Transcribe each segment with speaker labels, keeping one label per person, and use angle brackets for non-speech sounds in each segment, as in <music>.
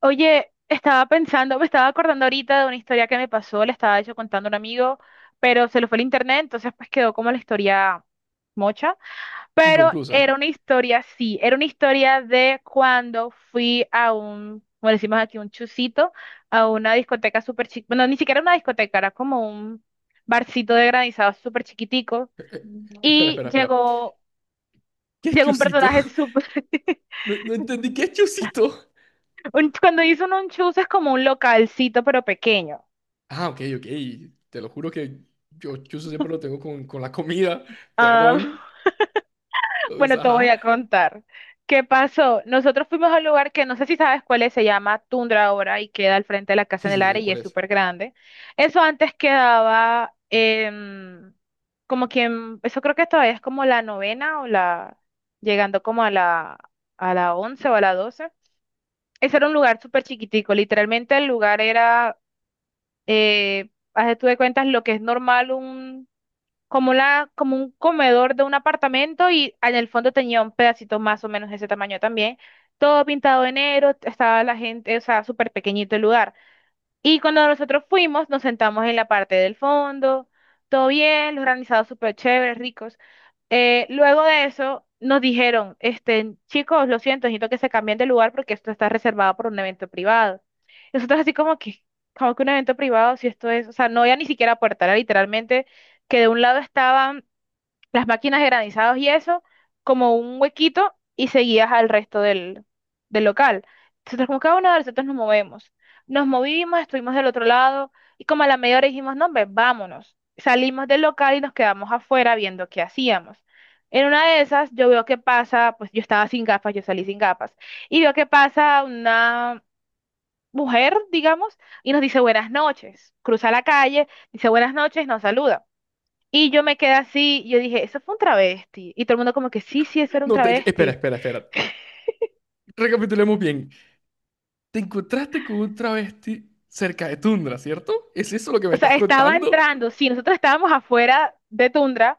Speaker 1: Oye, estaba pensando, me estaba acordando ahorita de una historia que me pasó, le estaba yo contando a un amigo, pero se lo fue el internet, entonces pues quedó como la historia mocha, pero
Speaker 2: Inconclusa.
Speaker 1: era una historia, sí, era una historia de cuando fui a un, como decimos aquí, un chusito, a una discoteca súper chiquita, bueno, ni siquiera una discoteca, era como un barcito de granizado súper chiquitico,
Speaker 2: Eh, eh, Espera,
Speaker 1: y
Speaker 2: espera, espera. ¿Qué es
Speaker 1: llegó un
Speaker 2: Chusito?
Speaker 1: personaje
Speaker 2: <laughs>
Speaker 1: súper, <laughs>
Speaker 2: No, no entendí. ¿Qué es Chusito?
Speaker 1: cuando hizo un chus es como un localcito pero pequeño.
Speaker 2: Ah, ok, ok. Te lo juro que yo Chuso siempre lo tengo con la comida. <laughs>
Speaker 1: Ah,
Speaker 2: Perdón.
Speaker 1: <laughs>
Speaker 2: Entonces,
Speaker 1: bueno, te voy
Speaker 2: ajá.
Speaker 1: a contar. ¿Qué pasó? Nosotros fuimos a un lugar que no sé si sabes cuál es, se llama Tundra ahora y queda al frente de la Casa
Speaker 2: Sí,
Speaker 1: en el
Speaker 2: sí, sé
Speaker 1: área y
Speaker 2: cuál
Speaker 1: es
Speaker 2: es.
Speaker 1: súper grande. Eso antes quedaba como quien, eso creo que todavía es como la novena o la, llegando como a la once o a la doce. Ese era un lugar súper chiquitico, literalmente el lugar era, haz de tú de cuentas lo que es normal un como la, como un comedor de un apartamento y en el fondo tenía un pedacito más o menos de ese tamaño también. Todo pintado de negro, estaba la gente, o sea, súper pequeñito el lugar. Y cuando nosotros fuimos, nos sentamos en la parte del fondo, todo bien, los granizados súper chéveres, ricos. Luego de eso, nos dijeron, este, chicos, lo siento, necesito que se cambien de lugar porque esto está reservado por un evento privado. Y nosotros así como que un evento privado, si esto es, o sea, no había ni siquiera puerta, era literalmente que de un lado estaban las máquinas de granizados y eso, como un huequito y seguías al resto del local. Nosotros como cada uno de nosotros nos movemos. Nos movimos, estuvimos del otro lado y como a la media hora dijimos, no, hombre, vámonos. Salimos del local y nos quedamos afuera viendo qué hacíamos. En una de esas yo veo que pasa, pues yo estaba sin gafas, yo salí sin gafas, y veo que pasa una mujer, digamos, y nos dice buenas noches. Cruza la calle, dice buenas noches, nos saluda. Y yo me quedé así, y yo dije, eso fue un travesti. Y todo el mundo como que, sí, sí, eso era un
Speaker 2: No, te... espera,
Speaker 1: travesti.
Speaker 2: espera, espera. Recapitulemos bien. Te encontraste con un travesti cerca de Tundra, ¿cierto? ¿Es eso lo que me
Speaker 1: O
Speaker 2: estás
Speaker 1: sea, estaba
Speaker 2: contando?
Speaker 1: entrando, sí, nosotros estábamos afuera de Tundra,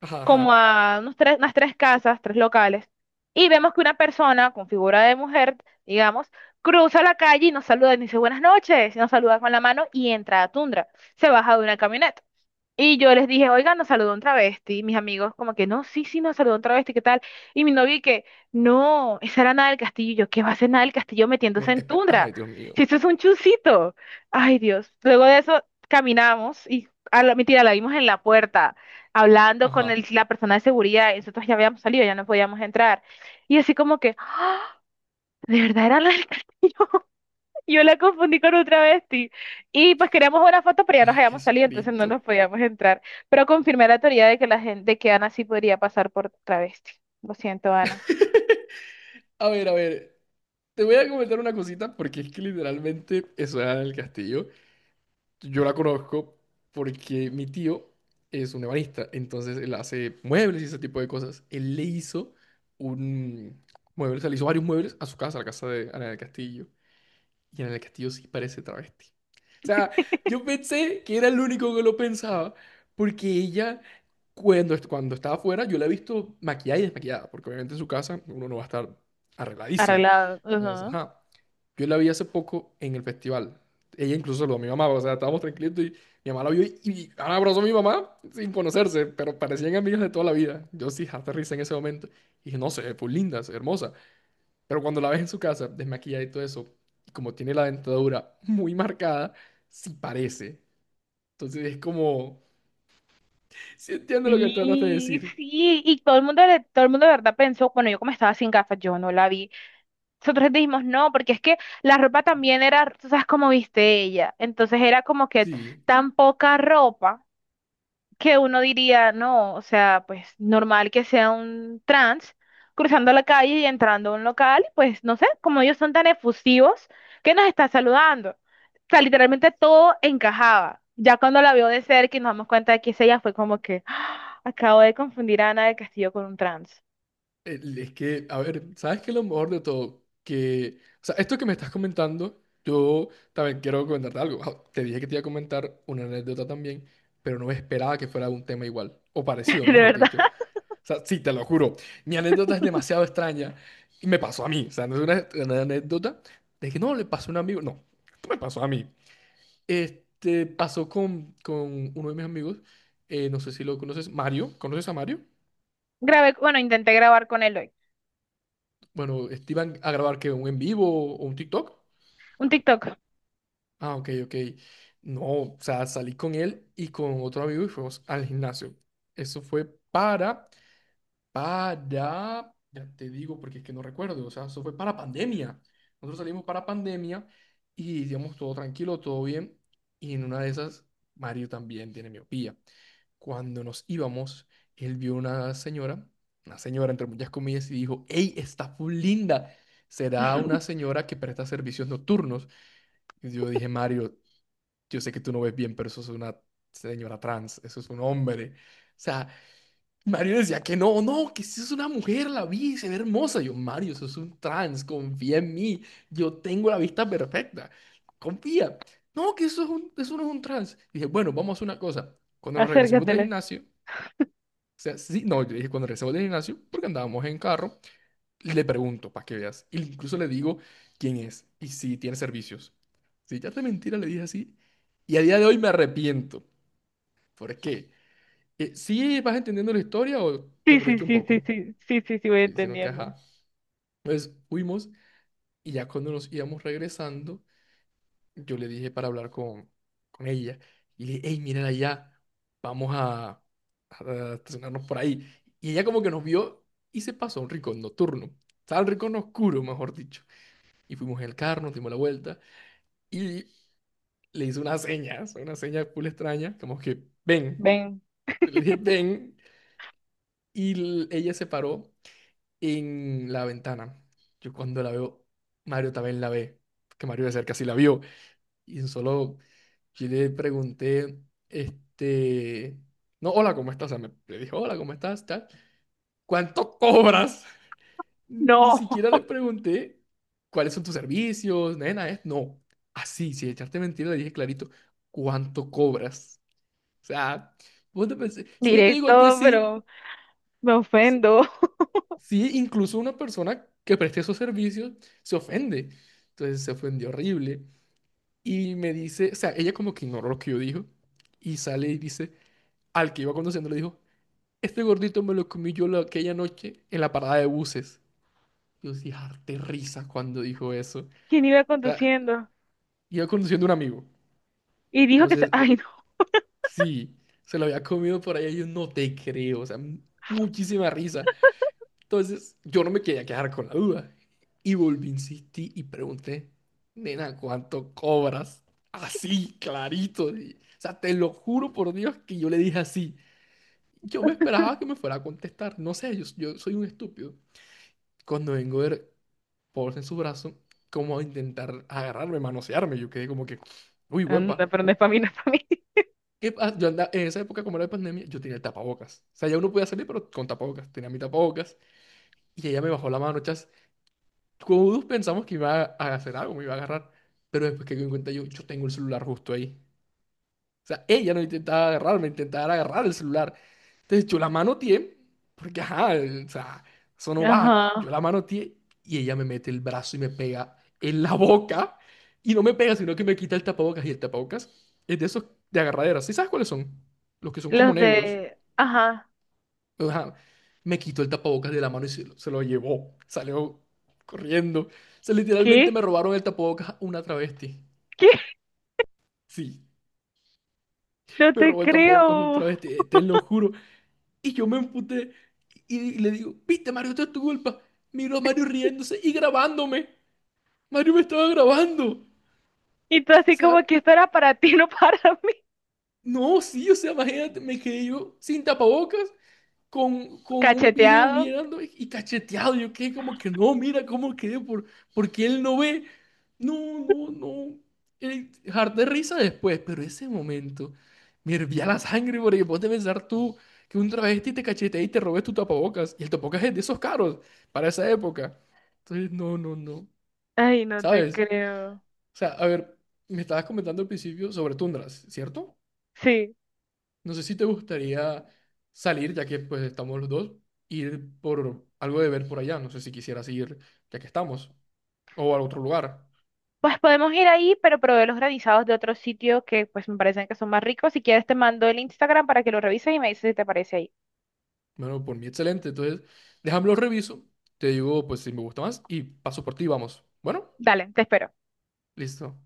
Speaker 2: Ajá,
Speaker 1: como
Speaker 2: ajá.
Speaker 1: a unos tres, unas tres casas, tres locales, y vemos que una persona con figura de mujer, digamos, cruza la calle y nos saluda, y nos dice buenas noches, y nos saluda con la mano y entra a Tundra. Se baja de una camioneta. Y yo les dije, oigan, nos saludó un travesti. Mis amigos, como que no, sí, sí, nos saludó un travesti, ¿qué tal? Y mi novio, y que no, esa era Nada del Castillo. Y yo, ¿qué va a hacer Nada del Castillo
Speaker 2: No,
Speaker 1: metiéndose en
Speaker 2: espera.
Speaker 1: tundra?
Speaker 2: Ay, Dios mío.
Speaker 1: Si eso es un chusito. Ay, Dios. Luego de eso, caminamos y, a la, mentira, la vimos en la puerta, hablando con
Speaker 2: Ajá.
Speaker 1: la persona de seguridad. Y nosotros ya habíamos salido, ya no podíamos entrar. Y así, como que, ¿de verdad era Nada? Yo la confundí con un travesti. Y pues queríamos una foto, pero ya nos
Speaker 2: Ay,
Speaker 1: habíamos salido, entonces no nos
Speaker 2: Jesucristo.
Speaker 1: podíamos entrar. Pero confirmé la teoría de que la gente, de que Ana sí podría pasar por travesti. Lo siento, Ana.
Speaker 2: A ver, a ver. Te voy a comentar una cosita porque es que literalmente eso era en el castillo. Yo la conozco porque mi tío es un ebanista, entonces él hace muebles y ese tipo de cosas. Él le hizo un mueble, o sea, le hizo varios muebles a su casa, a la casa de Ana del Castillo. Y Ana del Castillo sí parece travesti. O sea, yo pensé que era el único que lo pensaba porque ella, cuando, cuando estaba afuera, yo la he visto maquillada y desmaquillada, porque obviamente en su casa uno no va a estar arregladísimo.
Speaker 1: Arreglado.
Speaker 2: Entonces,
Speaker 1: Ujú.
Speaker 2: ajá. Yo la vi hace poco en el festival. Ella incluso saludó a mi mamá, o sea, estábamos tranquilitos y mi mamá la vio y ahora abrazó a mi mamá sin conocerse, pero parecían amigas de toda la vida. Yo sí, hasta risa en ese momento. Y dije, no sé, fue linda, es hermosa. Pero cuando la ves en su casa, desmaquillada y todo eso, y como tiene la dentadura muy marcada, sí parece. Entonces es como, sí entiendo lo que trataste de
Speaker 1: Sí,
Speaker 2: decir.
Speaker 1: sí, y todo el mundo, todo el mundo de verdad pensó, bueno, yo como estaba sin gafas, yo no la vi. Nosotros dijimos no, porque es que la ropa también era, tú sabes cómo viste ella, entonces era como que
Speaker 2: Sí.
Speaker 1: tan poca ropa que uno diría, no, o sea, pues normal que sea un trans cruzando la calle y entrando a un local, pues no sé, como ellos son tan efusivos, que nos está saludando. O sea, literalmente todo encajaba. Ya cuando la vio de cerca y nos damos cuenta de que es ella, fue como que, "Ah, acabo de confundir a Ana del Castillo con un trans".
Speaker 2: Es que, a ver, ¿sabes qué es lo mejor de todo? Que, o sea, esto que me estás comentando, yo también quiero comentarte algo. Ah, te dije que te iba a comentar una anécdota también, pero no esperaba que fuera un tema igual, o
Speaker 1: <laughs>
Speaker 2: parecido,
Speaker 1: De
Speaker 2: mejor
Speaker 1: verdad.
Speaker 2: dicho. O sea, sí, te lo juro, mi anécdota es demasiado extraña y me pasó a mí. O sea, no es una anécdota de que no le pasó a un amigo, no, esto me pasó a mí. Este, pasó con uno de mis amigos, no sé si lo conoces, Mario, ¿conoces a Mario?
Speaker 1: Grabé, bueno, intenté grabar con él hoy.
Speaker 2: Bueno, este, ¿iban a grabar que un en vivo o un TikTok?
Speaker 1: Un TikTok.
Speaker 2: Ah, ok, ok. No, o sea, salí con él y con otro amigo y fuimos al gimnasio. Eso fue para para, ya te digo porque es que no recuerdo, o sea, eso fue para pandemia. Nosotros salimos para pandemia y digamos todo tranquilo, todo bien. Y en una de esas, Mario también tiene miopía. Cuando nos íbamos, él vio una señora entre muchas comillas, y dijo, ¡Ey, está full linda! Será una
Speaker 1: <laughs>
Speaker 2: señora que presta servicios nocturnos. Y yo dije, Mario, yo sé que tú no ves bien, pero eso es una señora trans, eso es un hombre. O sea, Mario decía que no, no, que si es una mujer, la vi, se ve hermosa. Yo, Mario, sos un trans, confía en mí, yo tengo la vista perfecta, confía. No, que eso es un, eso no es un trans. Dije, bueno, vamos a hacer una cosa. Cuando nos regresemos del
Speaker 1: Acércatele.
Speaker 2: gimnasio, o sea, sí, no, yo dije, cuando regresemos del gimnasio, porque andábamos en carro, le pregunto, para que veas. Y incluso le digo quién es y si tiene servicios. Si ya te mentira, le dije así. Y a día de hoy me arrepiento. ¿Por qué? ¿Sí vas entendiendo la historia o te
Speaker 1: Sí, sí,
Speaker 2: perdiste un
Speaker 1: sí, sí,
Speaker 2: poco?
Speaker 1: sí, sí, sí, sí, voy
Speaker 2: Sí, sino que
Speaker 1: entendiendo.
Speaker 2: ajá. Entonces fuimos y ya cuando nos íbamos regresando, yo le dije para hablar con ella. Y le dije, hey, miren allá, vamos a, a estacionarnos por ahí. Y ella como que nos vio y se pasó a un rincón nocturno. Estaba el rincón oscuro, mejor dicho. Y fuimos en el carro, nos dimos la vuelta y le hice una seña, o sea, una seña full extraña, como que ven.
Speaker 1: Ven.
Speaker 2: Le dije, ven. Y ella se paró en la ventana. Yo cuando la veo, Mario también la ve, porque Mario de cerca sí la vio. Y solo yo le pregunté, este, no, hola, ¿cómo estás? O sea, me, le dije, hola, ¿cómo estás? Tal. ¿Cuánto cobras? Ni
Speaker 1: No,
Speaker 2: siquiera le
Speaker 1: <laughs>
Speaker 2: pregunté cuáles son tus servicios, nena, es, no. Así, sin echarte mentira, le dije clarito, ¿cuánto cobras? O sea, vos te pensé, si yo te digo a ti
Speaker 1: directo,
Speaker 2: así,
Speaker 1: pero... Me ofendo. <laughs>
Speaker 2: sí, incluso una persona que preste esos servicios se ofende. Entonces se ofendió horrible. Y me dice, o sea, ella como que ignoró lo que yo dijo. Y sale y dice, al que iba conduciendo le dijo, este gordito me lo comí yo aquella noche en la parada de buses. Yo sí, harté risa cuando dijo eso.
Speaker 1: ¿Quién iba
Speaker 2: O sea,
Speaker 1: conduciendo?
Speaker 2: iba conduciendo un amigo.
Speaker 1: Y dijo que se...
Speaker 2: Entonces,
Speaker 1: <laughs> Ay, no.
Speaker 2: sí, se lo había comido por ahí. Y yo no te creo. O sea, muchísima risa. Entonces, yo no me quería quedar con la duda. Y volví, insistí y pregunté, nena, ¿cuánto cobras? Así, clarito. O sea, te lo juro por Dios que yo le dije así. Yo me esperaba que me fuera a contestar. No sé, yo soy un estúpido. Cuando vengo a ver Paul en su brazo, como a intentar agarrarme, manosearme, yo quedé como que, uy,
Speaker 1: Anda,
Speaker 2: huepa.
Speaker 1: pero no es para mí, no es para mí.
Speaker 2: Yo andaba, en esa época, como era de pandemia, yo tenía el tapabocas. O sea, ya uno podía salir, pero con tapabocas. Tenía mi tapabocas. Y ella me bajó la mano. Todos pensamos que iba a hacer algo, me iba a agarrar. Pero después que me di cuenta yo, yo tengo el celular justo ahí. O sea, ella no intentaba agarrarme, intentaba agarrar el celular. Entonces yo la manoteé, porque ajá, o sea, eso no va. Yo
Speaker 1: Ajá.
Speaker 2: la manoteé y ella me mete el brazo y me pega en la boca. Y no me pega, sino que me quita el tapabocas. Y el tapabocas es de esos de agarradera. ¿Sí sabes cuáles son? Los que son como
Speaker 1: Los
Speaker 2: negros.
Speaker 1: de... Ajá.
Speaker 2: O sea, me quitó el tapabocas de la mano y se lo llevó. Salió corriendo. O sea, literalmente me
Speaker 1: ¿Qué?
Speaker 2: robaron el tapabocas una travesti.
Speaker 1: ¿Qué?
Speaker 2: Sí,
Speaker 1: No
Speaker 2: me
Speaker 1: te
Speaker 2: robó el tapabocas un
Speaker 1: creo.
Speaker 2: travesti, te lo juro. Y yo me emputé y le digo, viste, Mario, esto es tu culpa. Miro a Mario riéndose y grabándome. Mario me estaba grabando. O
Speaker 1: Y tú así como
Speaker 2: sea,
Speaker 1: que esto era para ti, <laughs> no para mí.
Speaker 2: no, sí, o sea, imagínate, me quedé yo sin tapabocas con un video
Speaker 1: Cacheteado.
Speaker 2: mirando y cacheteado. Yo quedé como que no, mira cómo quedé, porque él no ve. No, no, no. Harté risa después, pero ese momento me hervía la sangre porque vos puedes pensar tú que un travesti te cachetea y te robes tu tapabocas. Y el tapabocas es de esos caros para esa época. Entonces, no, no, no.
Speaker 1: Ay, no te
Speaker 2: ¿Sabes?
Speaker 1: creo.
Speaker 2: O sea, a ver, me estabas comentando al principio sobre tundras, ¿cierto?
Speaker 1: Sí.
Speaker 2: No sé si te gustaría salir, ya que pues estamos los dos, ir por algo de ver por allá. No sé si quisieras ir, ya que estamos, o a otro lugar.
Speaker 1: Pues podemos ir ahí, pero probé los granizados de otro sitio que pues me parecen que son más ricos. Si quieres te mando el Instagram para que lo revises y me dices si te parece ahí.
Speaker 2: Bueno, por mí excelente. Entonces, déjame lo reviso. Te digo, pues si me gusta más y paso por ti, vamos. Bueno,
Speaker 1: Dale, te espero.
Speaker 2: listo.